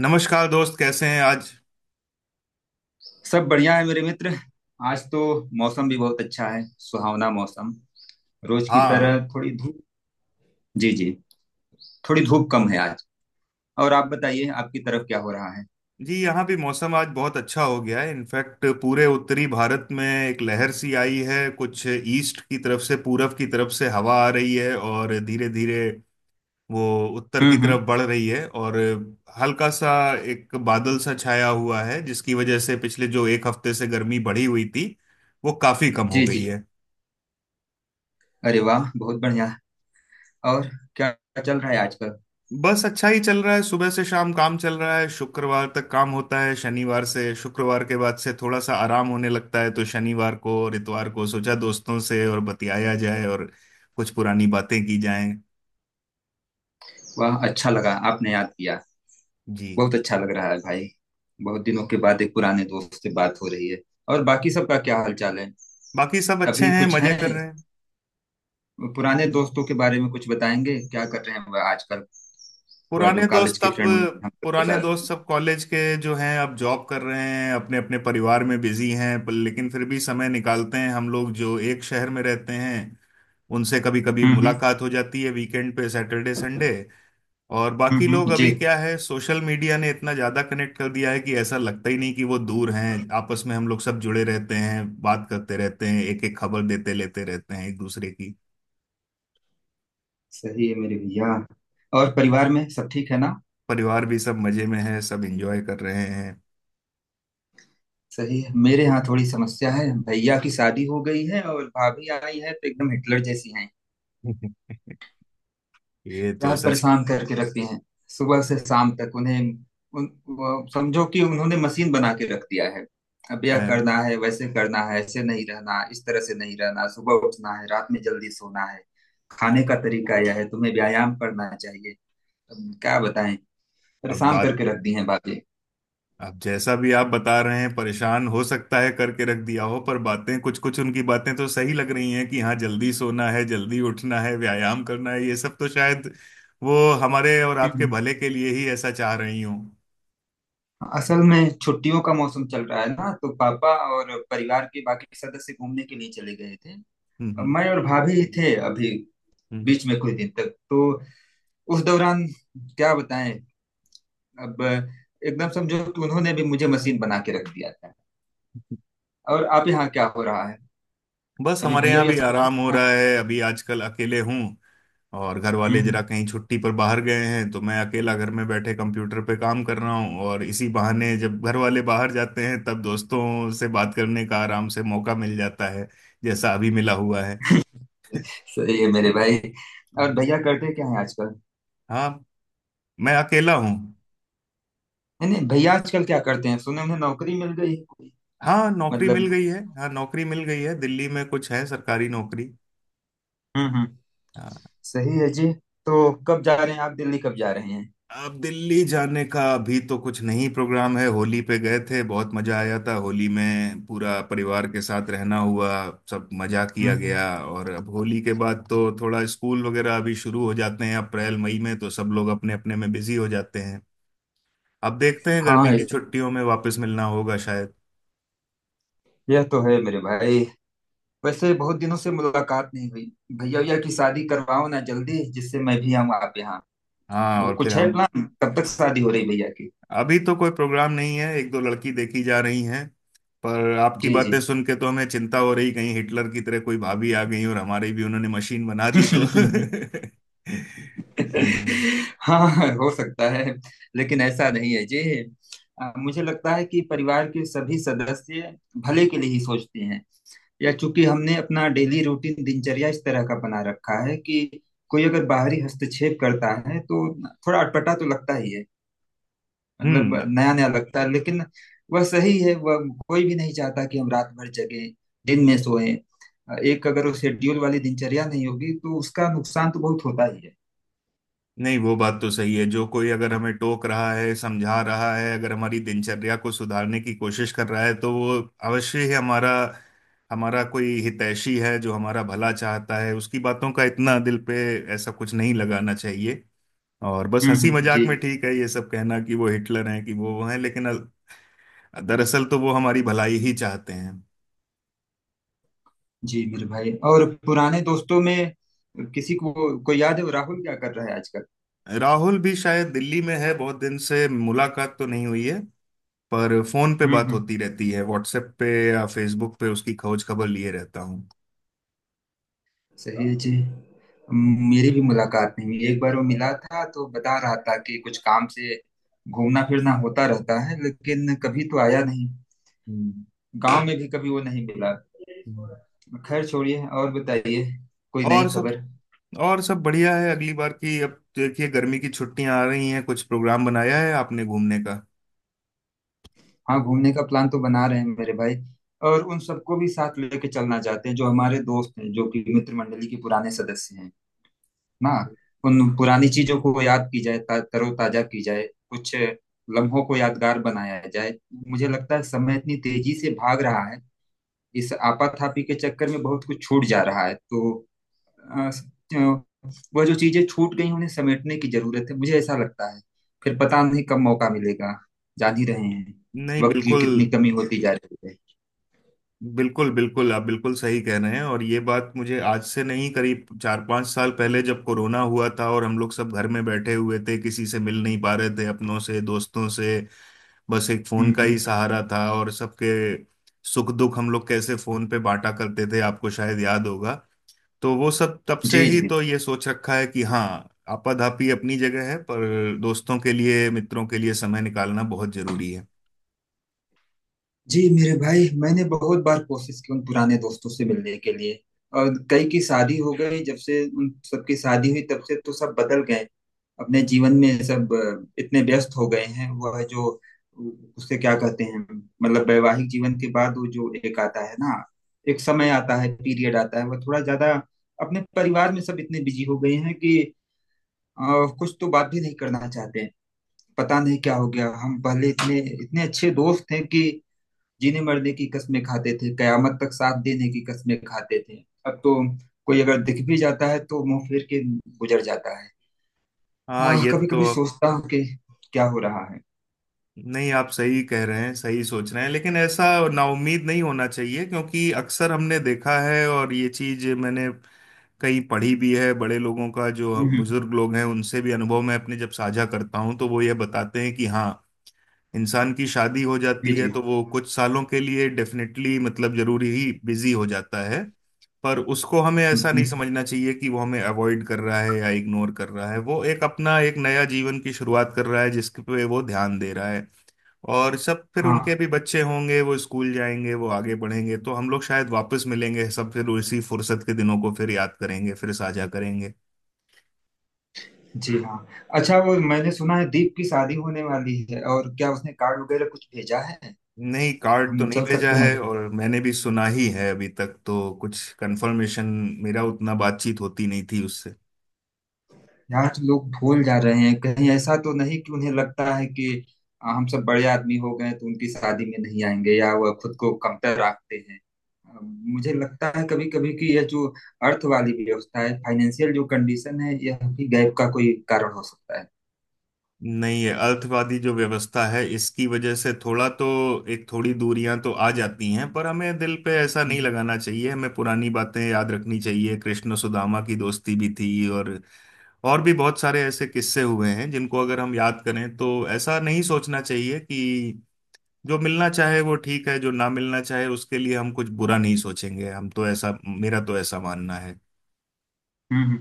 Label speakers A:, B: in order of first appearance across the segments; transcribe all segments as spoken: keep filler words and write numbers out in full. A: नमस्कार दोस्त, कैसे हैं आज।
B: सब बढ़िया है मेरे मित्र। आज तो मौसम भी बहुत अच्छा है, सुहावना मौसम, रोज की
A: हाँ।
B: तरह थोड़ी धूप। जी जी। थोड़ी धूप कम है आज। और आप बताइए, आपकी तरफ क्या हो रहा है?
A: जी, यहाँ भी मौसम आज बहुत अच्छा हो गया है। इनफैक्ट पूरे उत्तरी भारत में एक लहर सी आई है, कुछ ईस्ट की तरफ से, पूरब की तरफ से हवा आ रही है और धीरे धीरे वो उत्तर की
B: हम्म
A: तरफ
B: हम्म।
A: बढ़ रही है। और हल्का सा एक बादल सा छाया हुआ है जिसकी वजह से पिछले जो एक हफ्ते से गर्मी बढ़ी हुई थी वो काफी कम हो
B: जी
A: गई
B: जी।
A: है।
B: अरे वाह, बहुत बढ़िया। और क्या चल रहा है आजकल?
A: बस अच्छा ही चल रहा है, सुबह से शाम काम चल रहा है, शुक्रवार तक काम होता है, शनिवार से, शुक्रवार के बाद से थोड़ा सा आराम होने लगता है, तो शनिवार को और इतवार को सोचा दोस्तों से और बतियाया जाए और कुछ पुरानी बातें की जाएं।
B: वाह, अच्छा लगा आपने याद किया।
A: जी।
B: बहुत अच्छा लग रहा है भाई। बहुत दिनों के बाद एक पुराने दोस्त से बात हो रही है। और बाकी सबका क्या हालचाल है?
A: बाकी सब अच्छे
B: अभी
A: हैं,
B: कुछ
A: मजे कर
B: है
A: रहे हैं।
B: पुराने दोस्तों के बारे में कुछ बताएंगे, क्या कर रहे हैं वह आजकल? हुआ जो
A: पुराने
B: कॉलेज
A: दोस्त
B: की
A: अब
B: फ्रेंड में हम सबके
A: पुराने
B: साथ
A: दोस्त
B: थी।
A: सब कॉलेज के जो हैं अब जॉब कर रहे हैं, अपने अपने परिवार में बिजी हैं, पर लेकिन फिर भी समय निकालते हैं। हम लोग जो एक शहर में रहते हैं उनसे कभी कभी
B: हम्म हम्म।
A: मुलाकात हो जाती है वीकेंड पे, सैटरडे संडे। और
B: हम्म
A: बाकी लोग
B: हम्म,
A: अभी
B: जी।
A: क्या है, सोशल मीडिया ने इतना ज्यादा कनेक्ट कर दिया है कि ऐसा लगता ही नहीं कि वो दूर हैं। आपस में हम लोग सब जुड़े रहते हैं, बात करते रहते हैं, एक एक खबर देते लेते रहते हैं एक दूसरे की।
B: सही है मेरे भैया। और परिवार में सब ठीक है ना?
A: परिवार भी सब मजे में है, सब एंजॉय कर रहे हैं।
B: सही है मेरे यहाँ थोड़ी समस्या है, भैया की शादी हो गई है और भाभी आई है तो एकदम हिटलर जैसी हैं।
A: ये तो
B: यार
A: सच।
B: परेशान करके रखती हैं सुबह से शाम तक उन्हें। उन, वो- समझो कि उन्होंने मशीन बना के रख दिया है। अब यह
A: अ,
B: करना है, वैसे करना है, ऐसे नहीं रहना, इस तरह से नहीं रहना, सुबह उठना है, रात में जल्दी सोना है, खाने का तरीका यह है, तुम्हें व्यायाम करना चाहिए। अब क्या बताएं,
A: अब
B: परेशान
A: बात
B: करके रख दी हैं बातें।
A: अब जैसा भी आप बता रहे हैं, परेशान हो सकता है करके रख दिया हो, पर बातें कुछ कुछ, उनकी बातें तो सही लग रही हैं कि हाँ, जल्दी सोना है, जल्दी उठना है, व्यायाम करना है, ये सब तो शायद वो हमारे और आपके
B: हम्म,
A: भले के लिए ही ऐसा चाह रही हूँ।
B: असल में छुट्टियों का मौसम चल रहा है ना, तो पापा और परिवार के बाकी सदस्य घूमने के लिए चले गए थे।
A: हम्म हम्म
B: अब
A: हम्म।
B: मैं और भाभी थे अभी,
A: हम्म।
B: बीच में कुछ दिन तक तो। उस दौरान क्या बताएं, अब एकदम समझो कि उन्होंने भी मुझे मशीन बना के रख दिया था।
A: हम्म।
B: और आप यहाँ क्या हो रहा है?
A: बस
B: अभी
A: हमारे
B: भैया
A: यहाँ
B: ये
A: भी
B: सब ठीक
A: आराम
B: है
A: हो
B: ना?
A: रहा है, अभी आजकल अकेले हूँ। और घर वाले जरा
B: हम्म।
A: कहीं छुट्टी पर बाहर गए हैं तो मैं अकेला घर में बैठे कंप्यूटर पे काम कर रहा हूँ और इसी बहाने जब घर वाले बाहर जाते हैं तब दोस्तों से बात करने का आराम से मौका मिल जाता है, जैसा अभी मिला हुआ है।
B: सही है मेरे भाई। और भैया करते क्या है आजकल?
A: हाँ। मैं अकेला हूँ।
B: नहीं नहीं, भैया आजकल क्या करते हैं, सुने उन्हें नौकरी मिल गई है कोई?
A: हाँ नौकरी मिल
B: मतलब।
A: गई है। हाँ नौकरी मिल गई है, दिल्ली में कुछ है, सरकारी नौकरी।
B: हम्म हम्म।
A: हाँ।
B: सही है जी। तो कब जा रहे हैं आप, दिल्ली कब जा रहे हैं?
A: अब दिल्ली जाने का अभी तो कुछ नहीं प्रोग्राम है, होली पे गए थे, बहुत मजा आया था, होली में पूरा परिवार के साथ रहना हुआ, सब मजा किया
B: हम्म,
A: गया। और अब होली के बाद तो थोड़ा स्कूल वगैरह अभी शुरू हो जाते हैं अप्रैल मई में, तो सब लोग अपने अपने में बिजी हो जाते हैं। अब देखते हैं गर्मी
B: हाँ।
A: की
B: इस-
A: छुट्टियों में वापस मिलना होगा शायद।
B: यह तो है मेरे भाई, वैसे बहुत दिनों से मुलाकात नहीं हुई। भैया, भैया की शादी करवाओ ना जल्दी, जिससे मैं भी आऊँ आप यहाँ।
A: हाँ।
B: तो
A: और फिर
B: कुछ है
A: हम
B: प्लान, कब तक शादी हो रही भैया की?
A: अभी तो कोई प्रोग्राम नहीं है, एक दो लड़की देखी जा रही हैं। पर आपकी
B: जी जी।
A: बातें सुन के तो हमें चिंता हो रही, कहीं हिटलर की तरह कोई भाभी आ गई और हमारी भी उन्होंने मशीन बना दी तो हम्म।
B: हाँ हो सकता है। लेकिन ऐसा नहीं है जी। अ, मुझे लगता है कि परिवार के सभी सदस्य भले के लिए ही सोचते हैं। या चूंकि हमने अपना डेली रूटीन, दिनचर्या इस तरह का बना रखा है कि कोई अगर बाहरी हस्तक्षेप करता है तो थोड़ा अटपटा तो लगता ही है, मतलब
A: हम्म।
B: नया नया लगता है लेकिन। वह सही है वह। कोई भी नहीं चाहता कि हम रात भर जगें, दिन में सोएं। एक अगर वो शेड्यूल वाली दिनचर्या नहीं होगी तो उसका नुकसान तो बहुत होता ही है।
A: नहीं, वो बात तो सही है, जो कोई अगर हमें टोक रहा है, समझा रहा है, अगर हमारी दिनचर्या को सुधारने की कोशिश कर रहा है तो वो अवश्य ही हमारा, हमारा कोई हितैषी है जो हमारा भला चाहता है, उसकी बातों का इतना दिल पे ऐसा कुछ नहीं लगाना चाहिए। और बस
B: हम्म
A: हंसी
B: हम्म, जी।
A: मजाक में ठीक है ये सब कहना कि वो हिटलर हैं कि वो वो हैं, लेकिन अल- दरअसल तो वो हमारी भलाई ही चाहते हैं।
B: जी मेरे भाई, और पुराने दोस्तों में किसी को, कोई याद है वो राहुल क्या कर रहा है आजकल?
A: राहुल भी शायद दिल्ली में है, बहुत दिन से मुलाकात तो नहीं हुई है, पर फोन पे
B: हम्म
A: बात
B: हम्म।
A: होती रहती है, व्हाट्सएप पे या फेसबुक पे उसकी खोज खबर लिए रहता हूँ।
B: सही है जी। मेरी भी मुलाकात नहीं हुई, एक बार वो मिला था तो बता रहा था कि कुछ काम से घूमना फिरना होता रहता है, लेकिन कभी तो आया नहीं।
A: हम्म।
B: गांव में भी कभी वो नहीं मिला।
A: हम्म।
B: खैर, छोड़िए और बताइए, कोई नई
A: और सब
B: खबर?
A: और सब बढ़िया है। अगली बार की अब, देखिए गर्मी की छुट्टियां आ रही हैं, कुछ प्रोग्राम बनाया है आपने घूमने का।
B: हाँ घूमने का प्लान तो बना रहे हैं मेरे भाई। और उन सबको भी साथ लेके चलना चाहते हैं जो हमारे दोस्त हैं, जो कि मित्र मंडली के पुराने सदस्य हैं ना। उन पुरानी चीजों को याद की जाए, ता- तरोताजा की जाए, कुछ लम्हों को यादगार बनाया जाए। मुझे लगता है समय इतनी तेजी से भाग रहा है, इस आपाधापी के चक्कर में बहुत कुछ छूट जा रहा है, तो अ, स- अ, वह जो चीजें छूट गई उन्हें समेटने की जरूरत है, मुझे ऐसा लगता है। फिर पता नहीं कब मौका मिलेगा, जान ही रहे हैं
A: नहीं
B: वक्त की
A: बिल्कुल।
B: कितनी कमी होती जा रही है।
A: बिल्कुल बिल्कुल, आप बिल्कुल सही कह रहे हैं और ये बात मुझे आज से नहीं, करीब चार पांच साल पहले जब कोरोना हुआ था और हम लोग सब घर में बैठे हुए थे, किसी से मिल नहीं पा रहे थे अपनों से, दोस्तों से, बस एक फोन
B: हम्म
A: का ही
B: हम्म।
A: सहारा था। और सबके सुख दुख हम लोग कैसे फोन पे बांटा करते थे आपको शायद याद होगा। तो वो सब तब से
B: जी
A: ही
B: जी।
A: तो ये सोच रखा है कि हाँ, आपाधापी अपनी जगह है, पर दोस्तों के लिए, मित्रों के लिए समय निकालना बहुत जरूरी है।
B: जी मेरे भाई, मैंने बहुत बार कोशिश की उन पुराने दोस्तों से मिलने के लिए। और कई की शादी हो गई, जब से उन सबकी शादी हुई तब से तो सब बदल गए। अपने जीवन में सब अ, इतने व्यस्त हो गए हैं वह जो, उससे क्या कहते हैं, मतलब वैवाहिक जीवन के बाद वो जो एक आता है ना, एक समय आता है, पीरियड आता है, वह थोड़ा ज्यादा अपने परिवार में सब इतने बिजी हो गए हैं कि अ, कुछ तो बात भी नहीं करना चाहते हैं। पता नहीं क्या हो गया, हम पहले इतने इतने अच्छे दोस्त थे कि जीने मरने की कस्में खाते थे, कयामत तक साथ देने की कस्में खाते थे। अब तो कोई अगर दिख भी जाता है तो मुंह फेर के गुजर जाता है।
A: हाँ,
B: हाँ
A: ये
B: कभी कभी
A: तो।
B: सोचता हूँ कि क्या हो रहा है।
A: नहीं, आप सही कह रहे हैं, सही सोच रहे हैं, लेकिन ऐसा नाउम्मीद नहीं होना चाहिए क्योंकि अक्सर हमने देखा है और ये चीज मैंने कहीं पढ़ी भी है, बड़े लोगों का, जो
B: हम्म,
A: बुजुर्ग लोग हैं उनसे भी अनुभव मैं अपने जब साझा करता हूँ तो वो ये बताते हैं कि हाँ, इंसान की शादी हो
B: जी
A: जाती है
B: जी।
A: तो वो कुछ सालों के लिए डेफिनेटली, मतलब जरूरी ही बिजी हो जाता है। पर उसको हमें ऐसा नहीं
B: हम्म,
A: समझना चाहिए कि वो हमें अवॉइड कर रहा है या इग्नोर कर रहा है, वो एक अपना एक नया जीवन की शुरुआत कर रहा है जिसके पे वो ध्यान दे रहा है। और सब फिर उनके
B: हाँ।
A: भी बच्चे होंगे, वो स्कूल जाएंगे, वो आगे बढ़ेंगे, तो हम लोग शायद वापस मिलेंगे, सब फिर उसी फुर्सत के दिनों को फिर याद करेंगे, फिर साझा करेंगे।
B: जी हाँ। अच्छा वो मैंने सुना है दीप की शादी होने वाली है, और क्या उसने कार्ड वगैरह कुछ भेजा है?
A: नहीं, कार्ड तो
B: हम
A: नहीं
B: चल
A: भेजा
B: सकते हैं।
A: है और मैंने भी सुना ही है, अभी तक तो कुछ कंफर्मेशन, मेरा उतना बातचीत होती नहीं थी उससे।
B: यार तो लोग भूल जा रहे हैं, कहीं ऐसा तो नहीं कि उन्हें लगता है कि आ, हम सब बड़े आदमी हो गए तो उनकी शादी में नहीं आएंगे, या वह खुद को कमतर रखते हैं। आ, मुझे लगता है कभी कभी कि यह जो अर्थ वाली व्यवस्था है, फाइनेंशियल जो कंडीशन है, यह भी गैप का कोई कारण हो सकता है।
A: नहीं है, अर्थवादी जो व्यवस्था है इसकी वजह से थोड़ा तो एक थोड़ी दूरियां तो आ जाती हैं, पर हमें दिल पे ऐसा नहीं
B: हम्म
A: लगाना चाहिए, हमें पुरानी बातें याद रखनी चाहिए। कृष्ण सुदामा की दोस्ती भी थी और और भी बहुत सारे ऐसे किस्से हुए हैं जिनको अगर हम याद करें तो ऐसा नहीं सोचना चाहिए कि जो मिलना चाहे वो ठीक है, जो ना मिलना चाहे उसके लिए हम कुछ बुरा नहीं सोचेंगे, हम तो ऐसा मेरा तो ऐसा मानना है।
B: हम्म।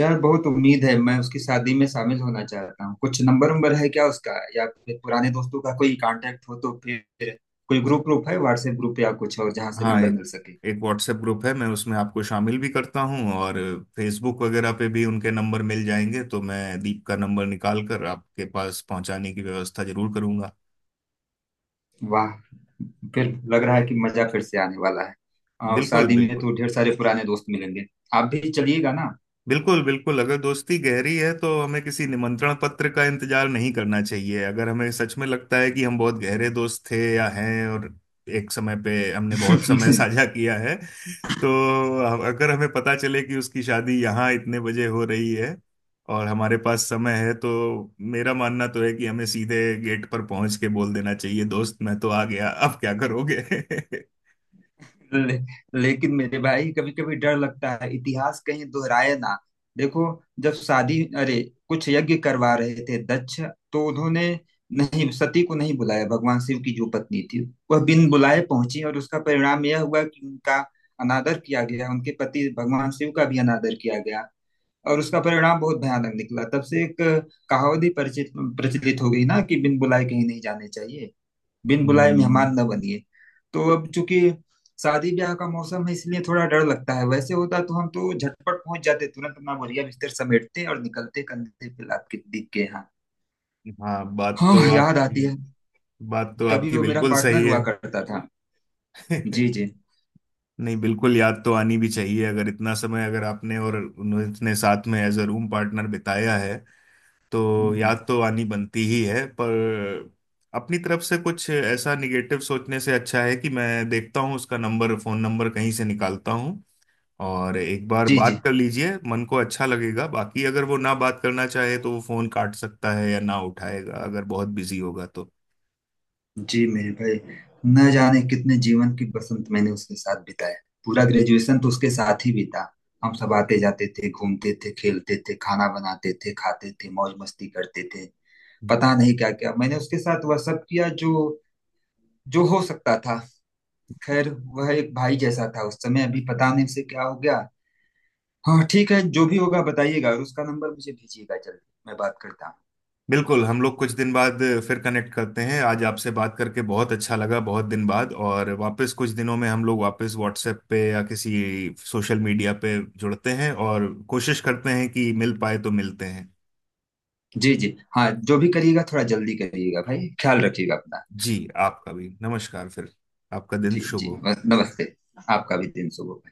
B: यार बहुत उम्मीद है, मैं उसकी शादी में शामिल होना चाहता हूँ। कुछ नंबर नंबर है क्या उसका, या फिर पुराने दोस्तों का कोई कांटेक्ट हो तो फिर? कोई ग्रुप ग्रुप है, व्हाट्सएप ग्रुप या कुछ और, जहाँ से
A: हाँ
B: नंबर
A: एक
B: मिल सके?
A: एक व्हाट्सएप ग्रुप है, मैं उसमें आपको शामिल भी करता हूँ और फेसबुक वगैरह पे भी उनके नंबर मिल जाएंगे, तो मैं दीप का नंबर निकाल कर आपके पास पहुंचाने की व्यवस्था जरूर करूंगा।
B: वाह, फिर लग रहा है कि मजा फिर से आने वाला है। आ,
A: बिल्कुल
B: शादी में
A: बिल्कुल।
B: तो ढेर सारे पुराने दोस्त मिलेंगे। आप भी चलिएगा ना?
A: बिल्कुल बिल्कुल, अगर दोस्ती गहरी है तो हमें किसी निमंत्रण पत्र का इंतजार नहीं करना चाहिए, अगर हमें सच में लगता है कि हम बहुत गहरे दोस्त थे या हैं और एक समय पे हमने बहुत समय साझा किया है, तो अगर हमें पता चले कि उसकी शादी यहाँ इतने बजे हो रही है और हमारे पास समय है, तो मेरा मानना तो है कि हमें सीधे गेट पर पहुंच के बोल देना चाहिए, दोस्त मैं तो आ गया, अब क्या करोगे
B: ले, लेकिन मेरे भाई कभी कभी डर लगता है इतिहास कहीं दोहराए ना। देखो, जब शादी, अरे कुछ यज्ञ करवा रहे थे दक्ष, तो उन्होंने नहीं सती को नहीं बुलाया, भगवान शिव की जो पत्नी थी। वह बिन बुलाए पहुंची, और उसका परिणाम यह हुआ कि उनका अनादर किया गया, उनके पति भगवान शिव का भी अनादर किया गया। और उसका परिणाम बहुत भयानक निकला, तब से एक कहावत ही परिचित, प्रचलित हो गई ना कि बिन बुलाए कहीं नहीं जाने चाहिए, बिन बुलाए
A: हम्म।
B: मेहमान न बनिए। तो अब चूंकि शादी ब्याह का मौसम है इसलिए थोड़ा डर लगता है, वैसे होता तो हम तो झटपट पहुंच जाते, तुरंत अपना बोरिया बिस्तर समेटते और निकलते कंधे पे लाद के दीप के यहाँ।
A: हाँ बात
B: हाँ
A: तो
B: याद
A: आपकी
B: आती है।
A: बात तो
B: कभी
A: आपकी
B: वो मेरा
A: बिल्कुल
B: पार्टनर
A: सही है।
B: हुआ करता था।
A: नहीं,
B: जी जी।
A: बिल्कुल याद तो आनी भी चाहिए, अगर इतना समय, अगर आपने और उन्होंने इतने साथ में एज अ रूम पार्टनर बिताया है तो याद तो आनी बनती ही है, पर अपनी तरफ से कुछ ऐसा निगेटिव सोचने से अच्छा है कि मैं देखता हूँ उसका नंबर, फोन नंबर कहीं से निकालता हूँ और एक बार
B: जी
A: बात
B: जी।
A: कर लीजिए, मन को अच्छा लगेगा। बाकी अगर वो ना बात करना चाहे तो वो फोन काट सकता है या ना उठाएगा अगर बहुत बिजी होगा तो।
B: जी मेरे भाई, न जाने कितने जीवन की बसंत मैंने उसके साथ बिताया। पूरा ग्रेजुएशन तो उसके साथ ही बीता। हम सब आते जाते थे, घूमते थे, खेलते थे, खाना बनाते थे, खाते थे, मौज मस्ती करते थे। पता नहीं क्या क्या मैंने उसके साथ वह सब किया, जो जो हो सकता था। खैर, वह एक भाई जैसा था उस समय। अभी पता नहीं उसे क्या हो गया। हाँ ठीक है, जो भी होगा बताइएगा, और उसका नंबर मुझे भेजिएगा जल्दी, मैं बात करता हूँ।
A: बिल्कुल, हम लोग कुछ दिन बाद फिर कनेक्ट करते हैं, आज आपसे बात करके बहुत अच्छा लगा, बहुत दिन बाद, और वापस कुछ दिनों में हम लोग वापस व्हाट्सएप पे या किसी सोशल मीडिया पे जुड़ते हैं और कोशिश करते हैं कि मिल पाए तो मिलते हैं।
B: जी जी, हाँ। जो भी करिएगा थोड़ा जल्दी करिएगा भाई, ख्याल रखिएगा अपना।
A: जी। आपका भी नमस्कार फिर। आपका दिन
B: जी
A: शुभ
B: जी,
A: हो।
B: नमस्ते। आपका भी दिन शुभ हो।